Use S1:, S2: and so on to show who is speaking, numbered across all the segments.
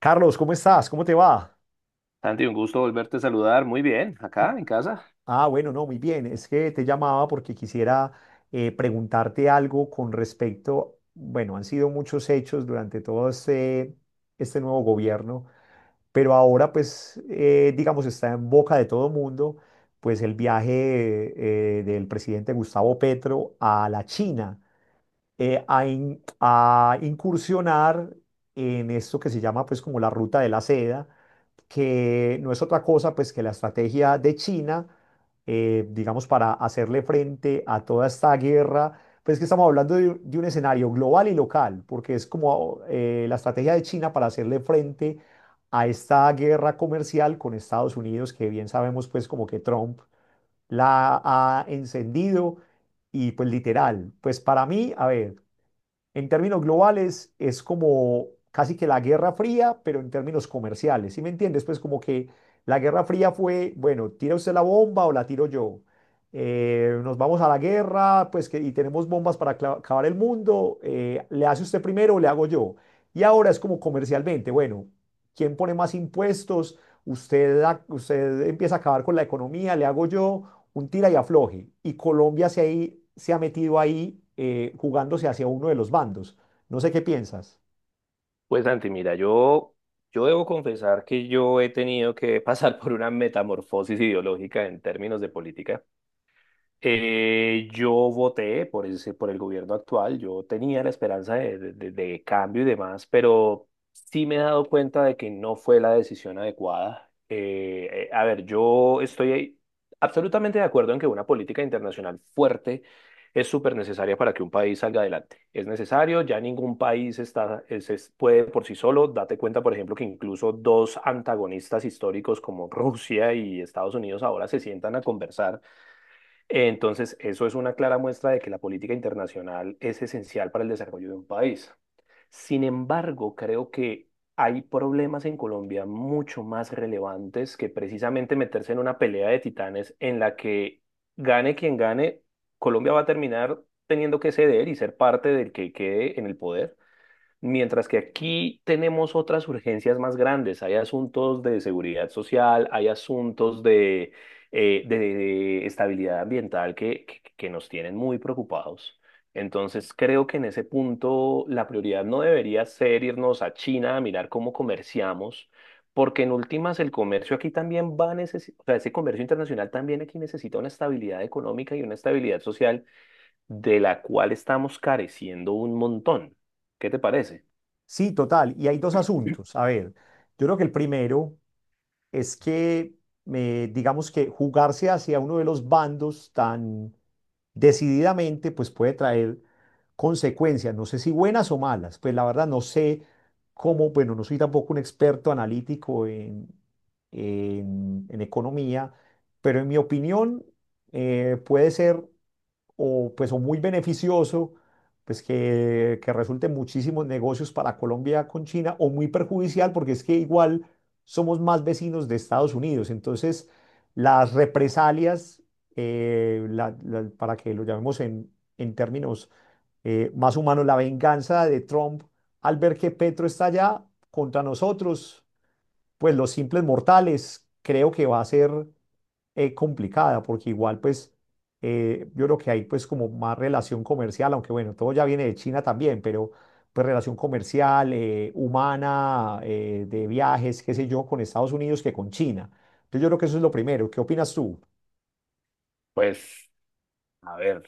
S1: Carlos, ¿cómo estás? ¿Cómo te va?
S2: Santi, un gusto volverte a saludar. Muy bien, acá en casa.
S1: Ah, bueno, no, muy bien. Es que te llamaba porque quisiera preguntarte algo con respecto, bueno, han sido muchos hechos durante todo este nuevo gobierno, pero ahora pues, digamos, está en boca de todo mundo, pues el viaje del presidente Gustavo Petro a la China a incursionar en esto que se llama pues como la ruta de la seda, que no es otra cosa pues que la estrategia de China, digamos, para hacerle frente a toda esta guerra, pues que estamos hablando de un escenario global y local, porque es como la estrategia de China para hacerle frente a esta guerra comercial con Estados Unidos, que bien sabemos pues como que Trump la ha encendido. Y pues literal, pues para mí, a ver. En términos globales, es como casi que la Guerra Fría, pero en términos comerciales. ¿Sí me entiendes? Pues como que la Guerra Fría fue, bueno, tira usted la bomba o la tiro yo. Nos vamos a la guerra, pues que, y tenemos bombas para acabar el mundo. ¿Le hace usted primero o le hago yo? Y ahora es como comercialmente, bueno, ¿quién pone más impuestos? Usted, usted empieza a acabar con la economía, le hago yo un tira y afloje. Y Colombia se, ahí, se ha metido ahí jugándose hacia uno de los bandos. No sé qué piensas.
S2: Pues Santi, mira, yo debo confesar que yo he tenido que pasar por una metamorfosis ideológica en términos de política. Yo voté por ese, por el gobierno actual, yo tenía la esperanza de cambio y demás, pero sí me he dado cuenta de que no fue la decisión adecuada. A ver, yo estoy absolutamente de acuerdo en que una política internacional fuerte es súper necesaria para que un país salga adelante. Es necesario, ya ningún país está, puede por sí solo. Date cuenta, por ejemplo, que incluso dos antagonistas históricos como Rusia y Estados Unidos ahora se sientan a conversar. Entonces, eso es una clara muestra de que la política internacional es esencial para el desarrollo de un país. Sin embargo, creo que hay problemas en Colombia mucho más relevantes que precisamente meterse en una pelea de titanes en la que gane quien gane, Colombia va a terminar teniendo que ceder y ser parte del que quede en el poder. Mientras que aquí tenemos otras urgencias más grandes, hay asuntos de seguridad social, hay asuntos de estabilidad ambiental que nos tienen muy preocupados. Entonces creo que en ese punto la prioridad no debería ser irnos a China a mirar cómo comerciamos, porque en últimas el comercio aquí también va a necesitar, o sea, ese comercio internacional también aquí necesita una estabilidad económica y una estabilidad social de la cual estamos careciendo un montón. ¿Qué te parece?
S1: Sí, total. Y hay dos asuntos. A ver, yo creo que el primero es que, digamos que jugarse hacia uno de los bandos tan decididamente, pues puede traer consecuencias, no sé si buenas o malas, pues la verdad no sé cómo, bueno, no soy tampoco un experto analítico en economía, pero en mi opinión puede ser o pues o muy beneficioso, pues que resulte en muchísimos negocios para Colombia con China, o muy perjudicial, porque es que igual somos más vecinos de Estados Unidos. Entonces, las represalias, para que lo llamemos en términos más humanos, la venganza de Trump al ver que Petro está allá contra nosotros, pues los simples mortales, creo que va a ser complicada, porque igual pues yo creo que hay pues como más relación comercial, aunque bueno, todo ya viene de China también, pero pues relación comercial, humana, de viajes, qué sé yo, con Estados Unidos que con China. Entonces yo creo que eso es lo primero. ¿Qué opinas tú?
S2: Pues, a ver,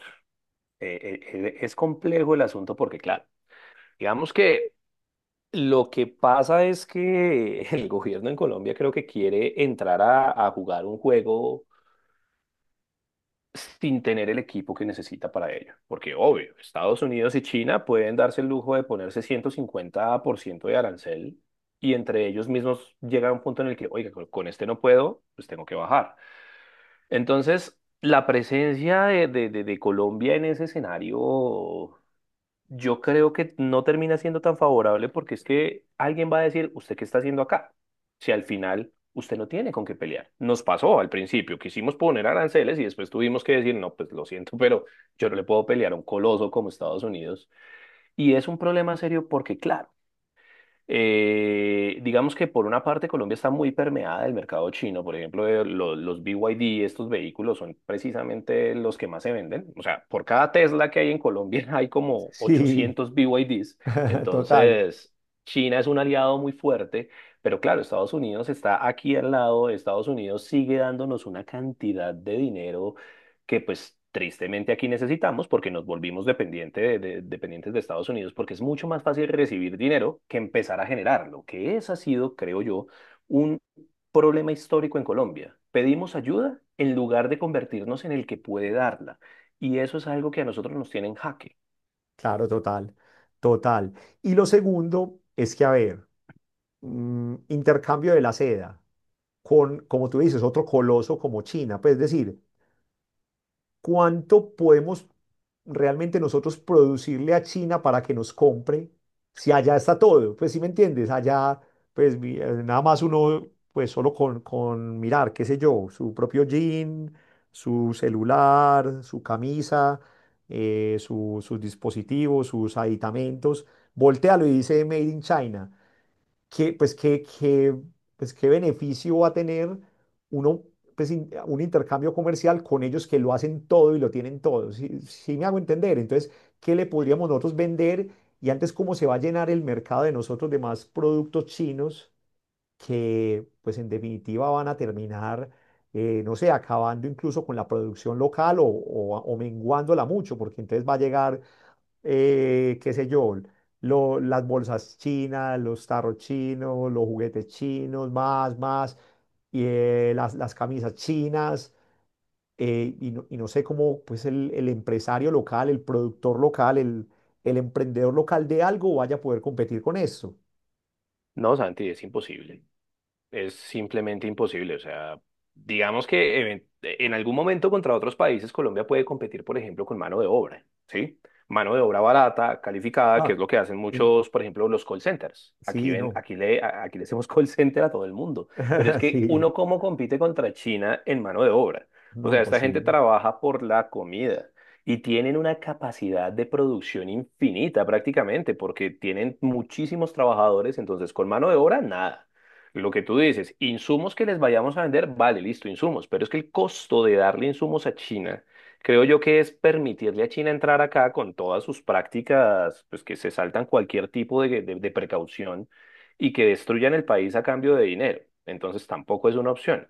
S2: es complejo el asunto porque, claro, digamos que lo que pasa es que el gobierno en Colombia creo que quiere entrar a jugar un juego sin tener el equipo que necesita para ello. Porque, obvio, Estados Unidos y China pueden darse el lujo de ponerse 150% de arancel y entre ellos mismos llega a un punto en el que, oiga, con este no puedo, pues tengo que bajar. Entonces, la presencia de Colombia en ese escenario, yo creo que no termina siendo tan favorable porque es que alguien va a decir, ¿usted qué está haciendo acá? Si al final usted no tiene con qué pelear. Nos pasó al principio, quisimos poner aranceles y después tuvimos que decir, no, pues lo siento, pero yo no le puedo pelear a un coloso como Estados Unidos. Y es un problema serio porque, claro, digamos que por una parte Colombia está muy permeada del mercado chino. Por ejemplo, los BYD, estos vehículos son precisamente los que más se venden. O sea, por cada Tesla que hay en Colombia hay como
S1: Sí,
S2: 800 BYDs.
S1: total,
S2: Entonces, China es un aliado muy fuerte. Pero claro, Estados Unidos está aquí al lado. Estados Unidos sigue dándonos una cantidad de dinero que pues tristemente aquí necesitamos porque nos volvimos dependientes de Estados Unidos porque es mucho más fácil recibir dinero que empezar a generarlo, que ese ha sido, creo yo, un problema histórico en Colombia. Pedimos ayuda en lugar de convertirnos en el que puede darla. Y eso es algo que a nosotros nos tiene en jaque.
S1: claro, total, total. Y lo segundo es que, a ver, intercambio de la seda con, como tú dices, otro coloso como China, pues es decir, ¿cuánto podemos realmente nosotros producirle a China para que nos compre si allá está todo? Pues sí me entiendes, allá pues nada más uno pues solo con mirar, qué sé yo, su propio jean, su celular, su camisa, sus dispositivos, sus aditamentos, voltealo y dice Made in China, qué, pues, qué beneficio va a tener uno, pues, un intercambio comercial con ellos que lo hacen todo y lo tienen todo. Si, si me hago entender. Entonces, ¿qué le podríamos nosotros vender? Y antes, ¿cómo se va a llenar el mercado de nosotros de más productos chinos que, pues, en definitiva van a terminar, no sé, acabando incluso con la producción local o menguándola mucho, porque entonces va a llegar qué sé yo, las bolsas chinas, los tarros chinos, los juguetes chinos, más, y, las camisas chinas, y no sé cómo, pues el empresario local, el productor local, el emprendedor local de algo vaya a poder competir con eso.
S2: No, Santi, es imposible, es simplemente imposible. O sea, digamos que en algún momento contra otros países Colombia puede competir, por ejemplo, con mano de obra, ¿sí? Mano de obra barata, calificada, que
S1: Ah,
S2: es lo que hacen
S1: y-
S2: muchos, por ejemplo, los call centers. Aquí
S1: sí,
S2: ven,
S1: no,
S2: aquí le hacemos call center a todo el mundo. Pero es que
S1: sí,
S2: uno cómo compite contra China en mano de obra. O
S1: no,
S2: sea, esta gente
S1: imposible.
S2: trabaja por la comida. Y tienen una capacidad de producción infinita prácticamente, porque tienen muchísimos trabajadores, entonces con mano de obra, nada. Lo que tú dices, insumos que les vayamos a vender, vale, listo, insumos, pero es que el costo de darle insumos a China, creo yo que es permitirle a China entrar acá con todas sus prácticas, pues que se saltan cualquier tipo de, de precaución y que destruyan el país a cambio de dinero. Entonces tampoco es una opción.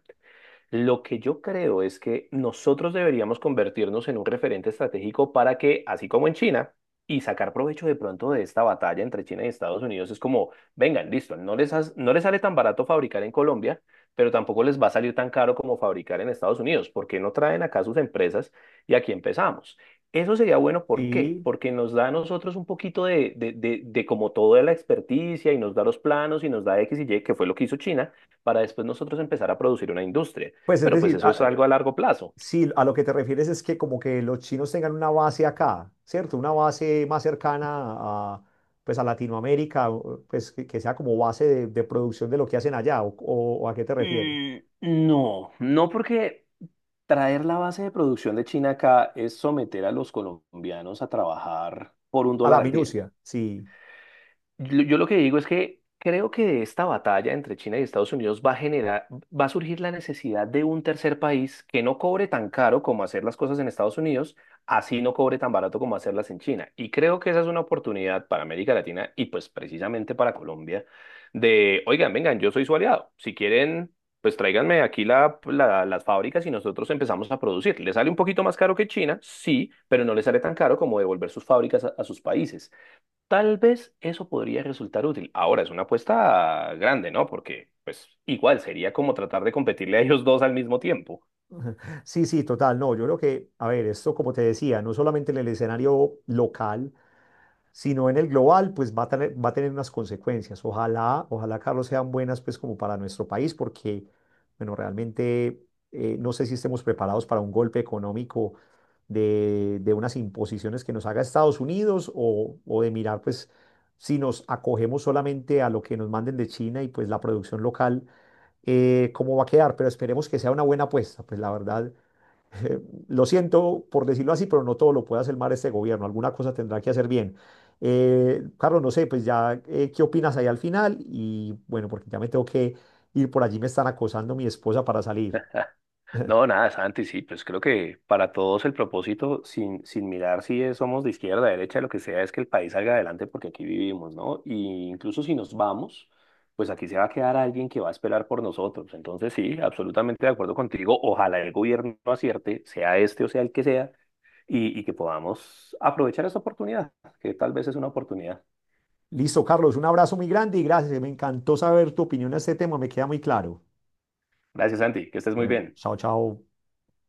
S2: Lo que yo creo es que nosotros deberíamos convertirnos en un referente estratégico para que, así como en China, y sacar provecho de pronto de esta batalla entre China y Estados Unidos, es como, vengan, listo, no les sale tan barato fabricar en Colombia, pero tampoco les va a salir tan caro como fabricar en Estados Unidos. ¿Por qué no traen acá sus empresas y aquí empezamos? Eso sería bueno, ¿por qué?
S1: Sí,
S2: Porque nos da a nosotros un poquito de como toda la experticia y nos da los planos y nos da X y Y, que fue lo que hizo China para después nosotros empezar a producir una industria,
S1: pues es
S2: pero pues
S1: decir,
S2: eso
S1: a-
S2: es algo a largo plazo.
S1: Sí, a lo que te refieres es que como que los chinos tengan una base acá, ¿cierto? Una base más cercana a, pues a Latinoamérica, o, pues que sea como base de producción de lo que hacen allá, o a qué te refieres.
S2: Mm, no, no porque traer la base de producción de China acá es someter a los colombianos a trabajar por un
S1: A la
S2: dólar al día.
S1: minucia, sí.
S2: Yo lo que digo es que creo que de esta batalla entre China y Estados Unidos va a generar, va a surgir la necesidad de un tercer país que no cobre tan caro como hacer las cosas en Estados Unidos, así no cobre tan barato como hacerlas en China. Y creo que esa es una oportunidad para América Latina y pues precisamente para Colombia de, oigan, vengan, yo soy su aliado. Si quieren, pues tráiganme aquí las fábricas y nosotros empezamos a producir. Le sale un poquito más caro que China, sí, pero no le sale tan caro como devolver sus fábricas a sus países. Tal vez eso podría resultar útil. Ahora, es una apuesta grande, ¿no? Porque, pues, igual sería como tratar de competirle a ellos dos al mismo tiempo.
S1: Sí, sí, total, no, yo creo que, a ver, esto como te decía, no solamente en el escenario local, sino en el global, pues va a tener unas consecuencias. Ojalá, ojalá, Carlos, sean buenas, pues como para nuestro país, porque, bueno, realmente no sé si estemos preparados para un golpe económico de unas imposiciones que nos haga Estados Unidos, o de mirar, pues, si nos acogemos solamente a lo que nos manden de China y pues la producción local, cómo va a quedar. Pero esperemos que sea una buena apuesta, pues la verdad eh, lo siento por decirlo así, pero no todo lo puede hacer mal este gobierno, alguna cosa tendrá que hacer bien. Carlos, no sé, pues ya, ¿qué opinas ahí al final? Y bueno, porque ya me tengo que ir por allí, me están acosando mi esposa para salir.
S2: No, nada, Santi, sí, pues creo que para todos el propósito, sin mirar si somos de izquierda, derecha, lo que sea, es que el país salga adelante porque aquí vivimos, ¿no? Y incluso si nos vamos, pues aquí se va a quedar alguien que va a esperar por nosotros. Entonces, sí, absolutamente de acuerdo contigo. Ojalá el gobierno acierte, sea este o sea el que sea, y que podamos aprovechar esta oportunidad, que tal vez es una oportunidad.
S1: Listo, Carlos, un abrazo muy grande y gracias, me encantó saber tu opinión a este tema, me queda muy claro.
S2: Gracias, Santi, que estés muy bien.
S1: Chao, chao.